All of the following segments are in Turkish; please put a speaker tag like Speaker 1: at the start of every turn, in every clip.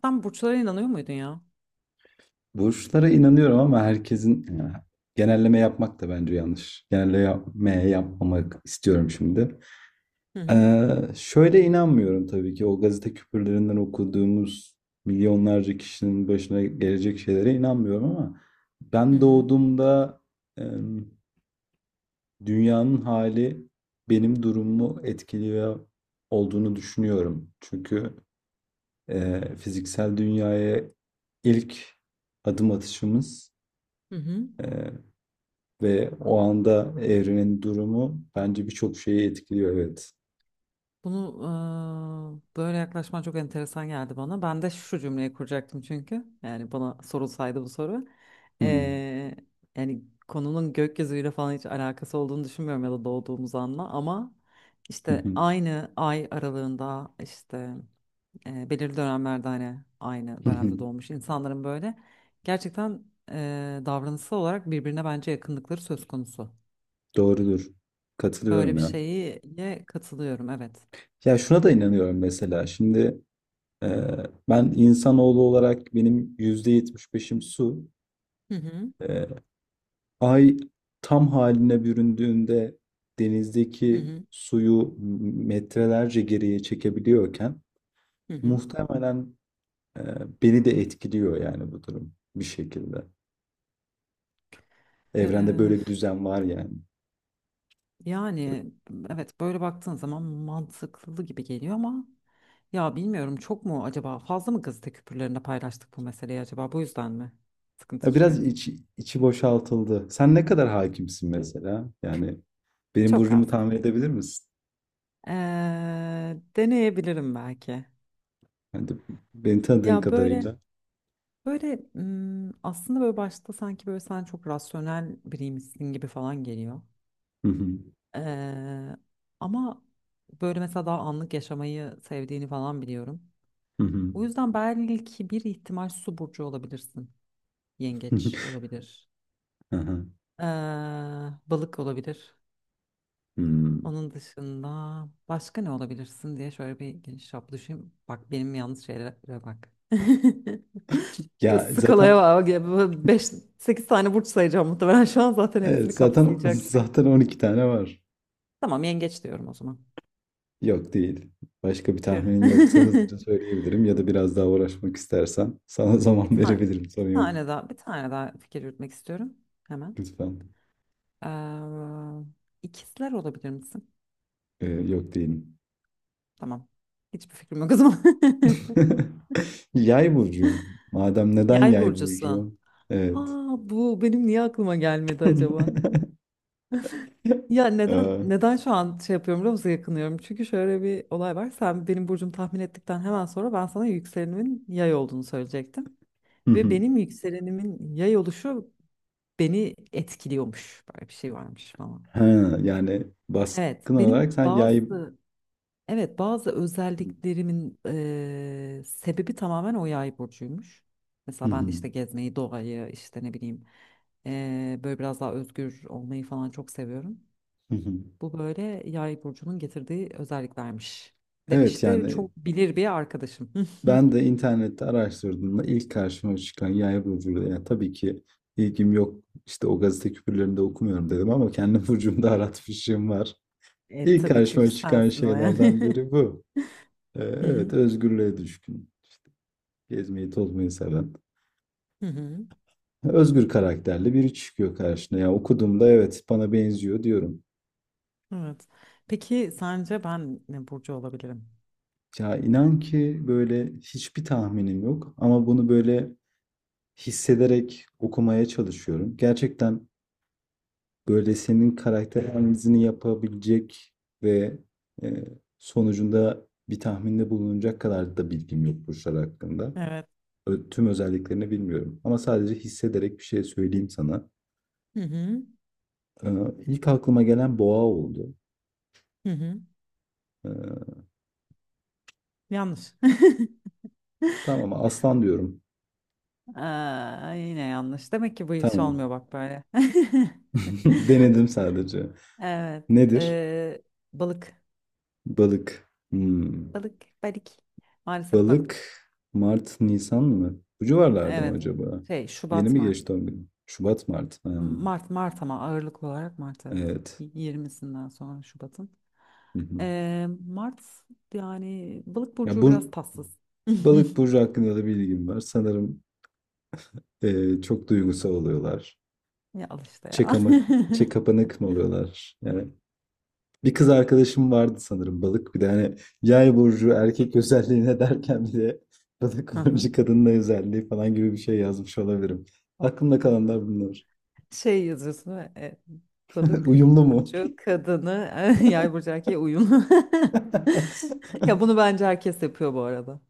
Speaker 1: Sen burçlara inanıyor muydun ya?
Speaker 2: Burçlara inanıyorum ama herkesin genelleme yapmak da bence yanlış. Genelleme yapmamak istiyorum şimdi.
Speaker 1: Hı hı.
Speaker 2: Ee, Şöyle inanmıyorum tabii ki o gazete küpürlerinden okuduğumuz milyonlarca kişinin başına gelecek şeylere inanmıyorum ama
Speaker 1: Hı
Speaker 2: ben
Speaker 1: hı.
Speaker 2: doğduğumda e, dünyanın hali benim durumumu etkiliyor olduğunu düşünüyorum. Çünkü fiziksel dünyaya ilk adım atışımız
Speaker 1: Hı hı.
Speaker 2: e, ve o anda evrenin durumu bence birçok şeyi etkiliyor, evet.
Speaker 1: Bunu böyle yaklaşman çok enteresan geldi bana. Ben de şu cümleyi kuracaktım çünkü. Yani bana sorulsaydı bu soru. Eee, yani konunun gökyüzüyle falan hiç alakası olduğunu düşünmüyorum ya da doğduğumuz anla. Ama işte
Speaker 2: Hmm.
Speaker 1: aynı ay aralığında işte belirli dönemlerde hani aynı dönemde doğmuş insanların böyle gerçekten davranışsal olarak birbirine bence yakınlıkları söz konusu.
Speaker 2: Doğrudur.
Speaker 1: Böyle
Speaker 2: Katılıyorum
Speaker 1: bir
Speaker 2: ya.
Speaker 1: şeye katılıyorum, evet.
Speaker 2: Ya şuna da inanıyorum mesela. Şimdi e, ben insanoğlu olarak benim %75'im su.
Speaker 1: Hı hı,
Speaker 2: E, Ay tam haline büründüğünde
Speaker 1: hı
Speaker 2: denizdeki
Speaker 1: hı.
Speaker 2: suyu metrelerce geriye çekebiliyorken
Speaker 1: Hı hı.
Speaker 2: muhtemelen e, beni de etkiliyor yani bu durum bir şekilde. Evrende
Speaker 1: Ee,
Speaker 2: böyle bir düzen var yani.
Speaker 1: yani evet, böyle baktığın zaman mantıklı gibi geliyor ama ya bilmiyorum, çok mu acaba, fazla mı gazete küpürlerinde paylaştık bu meseleyi, acaba bu yüzden mi sıkıntı
Speaker 2: Ya
Speaker 1: çıkıyor?
Speaker 2: biraz içi boşaltıldı. Sen ne kadar hakimsin mesela? Yani benim
Speaker 1: Çok
Speaker 2: burcumu
Speaker 1: az.
Speaker 2: tahmin edebilir misin?
Speaker 1: Deneyebilirim belki.
Speaker 2: Yani de- Beni tanıdığın
Speaker 1: Ya böyle
Speaker 2: kadarıyla.
Speaker 1: hmm, aslında böyle başta sanki böyle sen çok rasyonel biriymişsin gibi falan geliyor.
Speaker 2: Hı hı,
Speaker 1: Eee, ama böyle mesela daha anlık yaşamayı sevdiğini falan biliyorum.
Speaker 2: hı hı,
Speaker 1: O yüzden belki bir ihtimal su burcu olabilirsin. Yengeç olabilir.
Speaker 2: hı hı.
Speaker 1: Eee, balık olabilir.
Speaker 2: Hmm.
Speaker 1: Onun dışında başka ne olabilirsin diye şöyle bir geniş çaplı düşün. Bak benim yanlış şeylere bak. Ya
Speaker 2: Ya
Speaker 1: Skalaya
Speaker 2: zaten
Speaker 1: bak. 5 8 tane burç sayacağım muhtemelen. Şu an zaten
Speaker 2: Evet,
Speaker 1: hepsini kapsayacaksın.
Speaker 2: zaten 12 tane var.
Speaker 1: Tamam, yengeç diyorum o zaman.
Speaker 2: Yok, değil. Başka bir
Speaker 1: Püh.
Speaker 2: tahminin yoksa hızlıca söyleyebilirim, ya da biraz daha uğraşmak istersen sana
Speaker 1: Bir
Speaker 2: zaman
Speaker 1: tane,
Speaker 2: verebilirim.
Speaker 1: bir
Speaker 2: Sorun yok.
Speaker 1: tane daha, bir tane daha fikir yürütmek istiyorum hemen.
Speaker 2: Lütfen.
Speaker 1: Ee, ikizler olabilir misin?
Speaker 2: Yok, değilim.
Speaker 1: Tamam. Hiçbir fikrim yok o zaman.
Speaker 2: Yay burcu. Madem neden
Speaker 1: Yay
Speaker 2: yay
Speaker 1: burcusu.
Speaker 2: burcu? Evet.
Speaker 1: Aa, bu benim niye aklıma gelmedi acaba? Ya
Speaker 2: Eee,
Speaker 1: neden şu an şey yapıyorum biliyor musun, yakınıyorum? Çünkü şöyle bir olay var. Sen benim burcumu tahmin ettikten hemen sonra ben sana yükselenimin yay olduğunu söyleyecektim.
Speaker 2: hı
Speaker 1: Ve
Speaker 2: hı.
Speaker 1: benim yükselenimin yay oluşu beni etkiliyormuş. Böyle bir şey varmış falan.
Speaker 2: Ha, yani
Speaker 1: Evet,
Speaker 2: baskın olarak
Speaker 1: benim
Speaker 2: sen yayı.
Speaker 1: bazı Evet, bazı özelliklerimin sebebi tamamen o yay burcuymuş.
Speaker 2: Hı
Speaker 1: Mesela
Speaker 2: hı,
Speaker 1: ben de işte gezmeyi, doğayı, işte ne bileyim böyle biraz daha özgür olmayı falan çok seviyorum.
Speaker 2: hı hı.
Speaker 1: Bu böyle yay burcunun getirdiği özelliklermiş
Speaker 2: Evet,
Speaker 1: demişti.
Speaker 2: yani
Speaker 1: Çok bilir bir arkadaşım.
Speaker 2: ben de internette araştırdığımda ilk karşıma çıkan yay burcuydu. Yani tabii ki ilgim yok, işte o gazete küpürlerinde okumuyorum dedim ama kendi burcumda aratmışım var.
Speaker 1: E,
Speaker 2: İlk
Speaker 1: tabii çünkü
Speaker 2: karşıma çıkan
Speaker 1: sensin o yani.
Speaker 2: şeylerden biri bu.
Speaker 1: Hı
Speaker 2: Evet,
Speaker 1: hı,
Speaker 2: özgürlüğe düşkün. Gezmeyi tozmayı seven.
Speaker 1: hı hı.
Speaker 2: Özgür karakterli biri çıkıyor karşına. Ya okuduğumda evet bana benziyor diyorum.
Speaker 1: Evet. Peki sence ben ne burcu olabilirim?
Speaker 2: Ya inan ki böyle hiçbir tahminim yok ama bunu böyle hissederek okumaya çalışıyorum. Gerçekten böyle senin karakter analizini yapabilecek ve e, sonucunda bir tahminde bulunacak kadar da bilgim yok burçlar hakkında.
Speaker 1: Evet.
Speaker 2: Tüm özelliklerini bilmiyorum ama sadece hissederek bir şey söyleyeyim sana.
Speaker 1: Hı hı,
Speaker 2: Ee, ilk aklıma gelen boğa oldu.
Speaker 1: hı hı.
Speaker 2: Ee,
Speaker 1: Yanlış.
Speaker 2: tamam, aslan diyorum.
Speaker 1: Aa, yine yanlış. Demek ki bu iş
Speaker 2: Tamam.
Speaker 1: olmuyor bak böyle.
Speaker 2: Denedim sadece.
Speaker 1: Evet.
Speaker 2: Nedir?
Speaker 1: Balık.
Speaker 2: Balık. Hmm.
Speaker 1: Balık. Balık. Maalesef
Speaker 2: Balık.
Speaker 1: balık.
Speaker 2: Mart, Nisan mı? Bu civarlarda mı
Speaker 1: Evet.
Speaker 2: acaba?
Speaker 1: Şey,
Speaker 2: Yeni
Speaker 1: Şubat
Speaker 2: mi
Speaker 1: Mart.
Speaker 2: geçti 10 gün? Şubat, Mart. Hmm,
Speaker 1: Mart Mart, ama ağırlık olarak Mart, evet.
Speaker 2: evet.
Speaker 1: Y- Yirmisinden sonra Şubat'ın.
Speaker 2: Hı hı.
Speaker 1: Mart yani balık
Speaker 2: Ya
Speaker 1: burcu biraz
Speaker 2: bu
Speaker 1: tatsız.
Speaker 2: balık burcu hakkında da bilgim var. Sanırım çok duygusal oluyorlar.
Speaker 1: Ya al işte
Speaker 2: İçe,
Speaker 1: ya.
Speaker 2: kama, içe kapanık mı oluyorlar? Yani bir kız arkadaşım vardı sanırım balık. Bir de hani yay burcu erkek özelliğine derken bir de balık
Speaker 1: Hı.
Speaker 2: burcu kadının özelliği falan gibi bir şey yazmış olabilirim. Aklımda kalanlar bunlar.
Speaker 1: Şey yazıyorsun değil mi? E, balık
Speaker 2: Uyumlu mu?
Speaker 1: burcu kadını yay burcu erkeğe uyumlu. Ya bunu bence herkes yapıyor bu arada.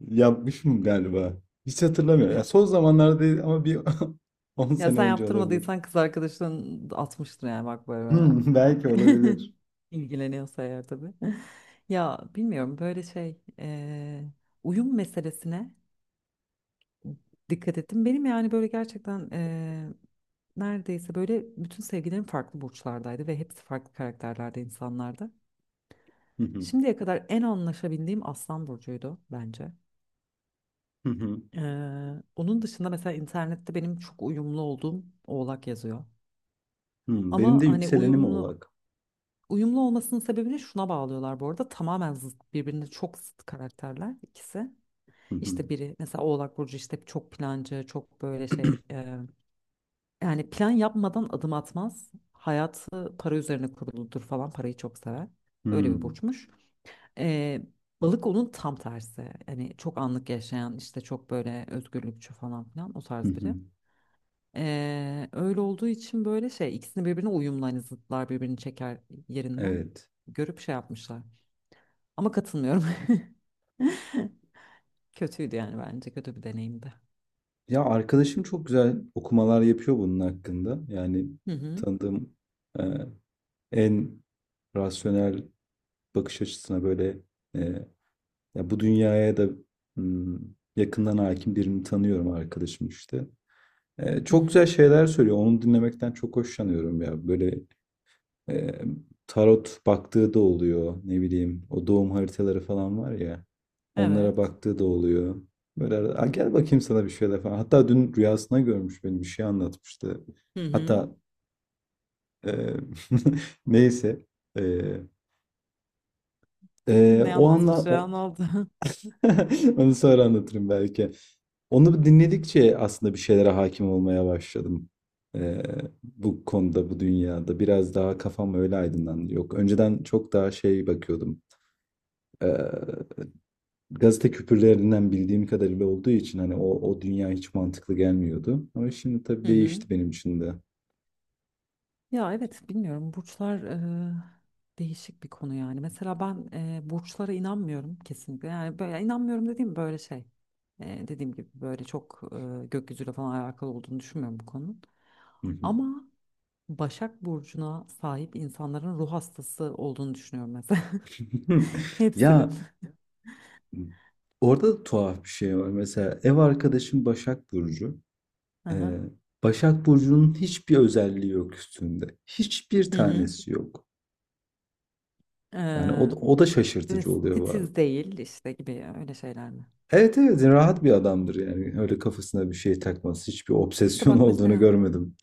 Speaker 2: Yapmışım galiba. Hiç hatırlamıyorum. Ya
Speaker 1: Ya
Speaker 2: son zamanlarda değil ama bir 10
Speaker 1: ya
Speaker 2: sene
Speaker 1: sen
Speaker 2: önce olabilir.
Speaker 1: yaptırmadıysan kız arkadaşın atmıştır yani bak böyle, böyle
Speaker 2: Hmm,
Speaker 1: falan
Speaker 2: belki
Speaker 1: diye.
Speaker 2: olabilir.
Speaker 1: İlgileniyorsa eğer tabii. Ya bilmiyorum böyle şey e, uyum meselesine dikkat ettim. Benim yani böyle gerçekten e, neredeyse böyle bütün sevgilerim farklı burçlardaydı ve hepsi farklı karakterlerde insanlardı.
Speaker 2: Hı hı,
Speaker 1: Şimdiye kadar en anlaşabildiğim Aslan Burcu'ydu bence.
Speaker 2: hı hı,
Speaker 1: Onun dışında mesela internette benim çok uyumlu olduğum Oğlak yazıyor.
Speaker 2: hı. Benim
Speaker 1: Ama
Speaker 2: de
Speaker 1: hani
Speaker 2: yükselenim Oğlak.
Speaker 1: uyumlu olmasının sebebini şuna bağlıyorlar bu arada. Tamamen zıt, birbirine çok zıt karakterler ikisi.
Speaker 2: Hı hı,
Speaker 1: İşte biri mesela Oğlak Burcu işte çok plancı, çok böyle şey e, yani plan yapmadan adım atmaz. Hayatı para üzerine kuruludur falan, parayı çok sever. Öyle
Speaker 2: hı,
Speaker 1: bir burçmuş. Ee, balık onun tam tersi. Hani çok anlık yaşayan işte çok böyle özgürlükçü falan filan o
Speaker 2: hı
Speaker 1: tarz
Speaker 2: hı.
Speaker 1: biri. Öyle olduğu için böyle şey ikisini birbirine uyumlu, hani zıtlar birbirini çeker yerinden
Speaker 2: Evet.
Speaker 1: görüp şey yapmışlar. Ama katılmıyorum. Kötüydü yani, bence kötü bir deneyimdi.
Speaker 2: Ya arkadaşım çok güzel okumalar yapıyor bunun hakkında. Yani
Speaker 1: Hı hı.
Speaker 2: tanıdığım e, en rasyonel bakış açısına böyle e, ya bu dünyaya da hmm, yakından hakim birini tanıyorum, arkadaşım işte.
Speaker 1: Hı
Speaker 2: Çok
Speaker 1: hı.
Speaker 2: güzel şeyler söylüyor. Onu dinlemekten çok hoşlanıyorum ya. Böyle e, tarot baktığı da oluyor. Ne bileyim, o doğum haritaları falan var ya. Onlara
Speaker 1: Evet.
Speaker 2: baktığı da oluyor. Böyle arada, "Aa, gel bakayım sana bir şeyler" falan. Hatta dün rüyasına görmüş, beni bir şey anlatmıştı.
Speaker 1: Hı hı.
Speaker 2: Hatta e, neyse. E,
Speaker 1: Ne
Speaker 2: O anla
Speaker 1: anlatmış
Speaker 2: o
Speaker 1: ya, ne oldu?
Speaker 2: onu sonra anlatırım belki. Onu dinledikçe aslında bir şeylere hakim olmaya başladım. Ee, Bu konuda, bu dünyada biraz daha kafam öyle aydınlandı. Yok, önceden çok daha şey bakıyordum. Ee, Gazete küpürlerinden bildiğim kadarıyla olduğu için hani o dünya hiç mantıklı gelmiyordu. Ama şimdi tabii
Speaker 1: Hı hı.
Speaker 2: değişti benim için de.
Speaker 1: Ya evet bilmiyorum, burçlar e, değişik bir konu yani. Mesela ben e, burçlara inanmıyorum kesinlikle. Yani böyle inanmıyorum dediğim böyle şey. E, dediğim gibi böyle çok e, gökyüzüyle falan alakalı olduğunu düşünmüyorum bu konunun.
Speaker 2: Hı hı.
Speaker 1: Ama Başak Burcu'na sahip insanların ruh hastası olduğunu düşünüyorum mesela. Hepsinin.
Speaker 2: Ya orada da tuhaf bir şey var. Mesela ev arkadaşım Başak Burcu.
Speaker 1: Aha.
Speaker 2: Eee, Başak Burcu'nun hiçbir özelliği yok üstünde. Hiçbir
Speaker 1: Hı hı.
Speaker 2: tanesi yok.
Speaker 1: E,
Speaker 2: Yani o da
Speaker 1: ve
Speaker 2: şaşırtıcı oluyor bazen.
Speaker 1: titiz değil işte gibi öyle şeyler mi?
Speaker 2: Evet, evet, rahat bir adamdır yani. Öyle kafasına bir şey takmaz. Hiçbir
Speaker 1: İşte
Speaker 2: obsesyon
Speaker 1: bak
Speaker 2: olduğunu
Speaker 1: mesela.
Speaker 2: görmedim.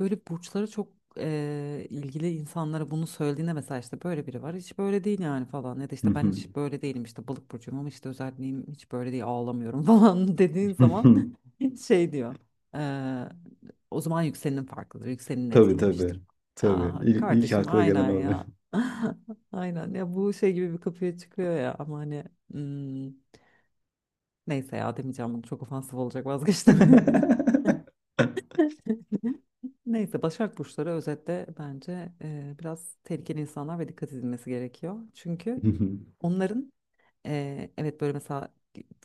Speaker 1: Böyle burçlara çok ilgili insanlara bunu söylediğinde mesela işte böyle biri var hiç böyle değil yani falan ya da
Speaker 2: Hı
Speaker 1: işte ben
Speaker 2: hı.
Speaker 1: hiç böyle değilim işte balık burcuyum ama işte özelliğim hiç böyle değil ağlamıyorum falan dediğin zaman şey diyor eee, o zaman yükselenin farklıdır, yükselenin
Speaker 2: Tabii, tabii.
Speaker 1: etkilemiştir. Ya
Speaker 2: Tabii. İlk
Speaker 1: kardeşim
Speaker 2: akla gelen
Speaker 1: aynen
Speaker 2: oluyor.
Speaker 1: ya aynen ya, bu şey gibi bir kapıya çıkıyor ya, ama hani hmm, neyse ya demeyeceğim, bunu çok ofansif olacak, vazgeçtim. Neyse, Başak Burçları özetle bence e, biraz tehlikeli insanlar ve dikkat edilmesi gerekiyor. Çünkü onların e, evet böyle mesela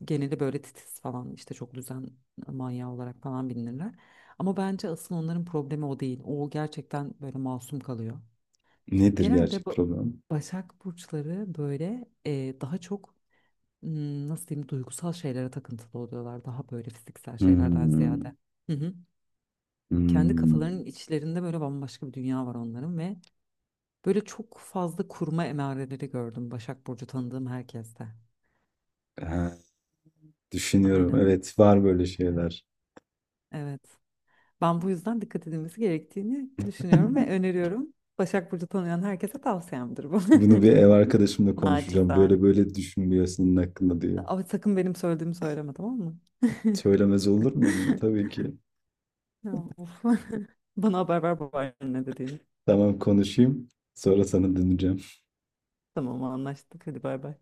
Speaker 1: geneli böyle titiz falan işte çok düzen manyağı olarak falan bilinirler. Ama bence asıl onların problemi o değil. O gerçekten böyle masum kalıyor.
Speaker 2: Nedir
Speaker 1: Genelde
Speaker 2: gerçek
Speaker 1: bu
Speaker 2: problem?
Speaker 1: Başak Burçları böyle e, daha çok hmm, nasıl diyeyim, duygusal şeylere takıntılı oluyorlar. Daha böyle fiziksel şeylerden
Speaker 2: Hmm,
Speaker 1: ziyade. Hı hı. Kendi kafalarının
Speaker 2: hmm.
Speaker 1: içlerinde böyle bambaşka bir dünya var onların ve böyle çok fazla kurma emareleri gördüm Başak Burcu tanıdığım herkeste.
Speaker 2: Ha, düşünüyorum.
Speaker 1: Aynen.
Speaker 2: Evet, var böyle
Speaker 1: Evet.
Speaker 2: şeyler.
Speaker 1: Evet. Ben bu yüzden dikkat edilmesi gerektiğini düşünüyorum ve öneriyorum. Başak Burcu tanıyan herkese tavsiyemdir bu.
Speaker 2: Bunu bir ev arkadaşımla konuşacağım. Böyle
Speaker 1: Naçizane.
Speaker 2: böyle düşünülüyor senin hakkında diyor.
Speaker 1: Ama sakın benim söylediğimi söyleme, tamam mı?
Speaker 2: Söylemez olur muyum ya? Tabii ki.
Speaker 1: Ya, of. Bana haber ver babaanne ne dediğini.
Speaker 2: Tamam, konuşayım. Sonra sana döneceğim.
Speaker 1: Tamam anlaştık, hadi bay bay.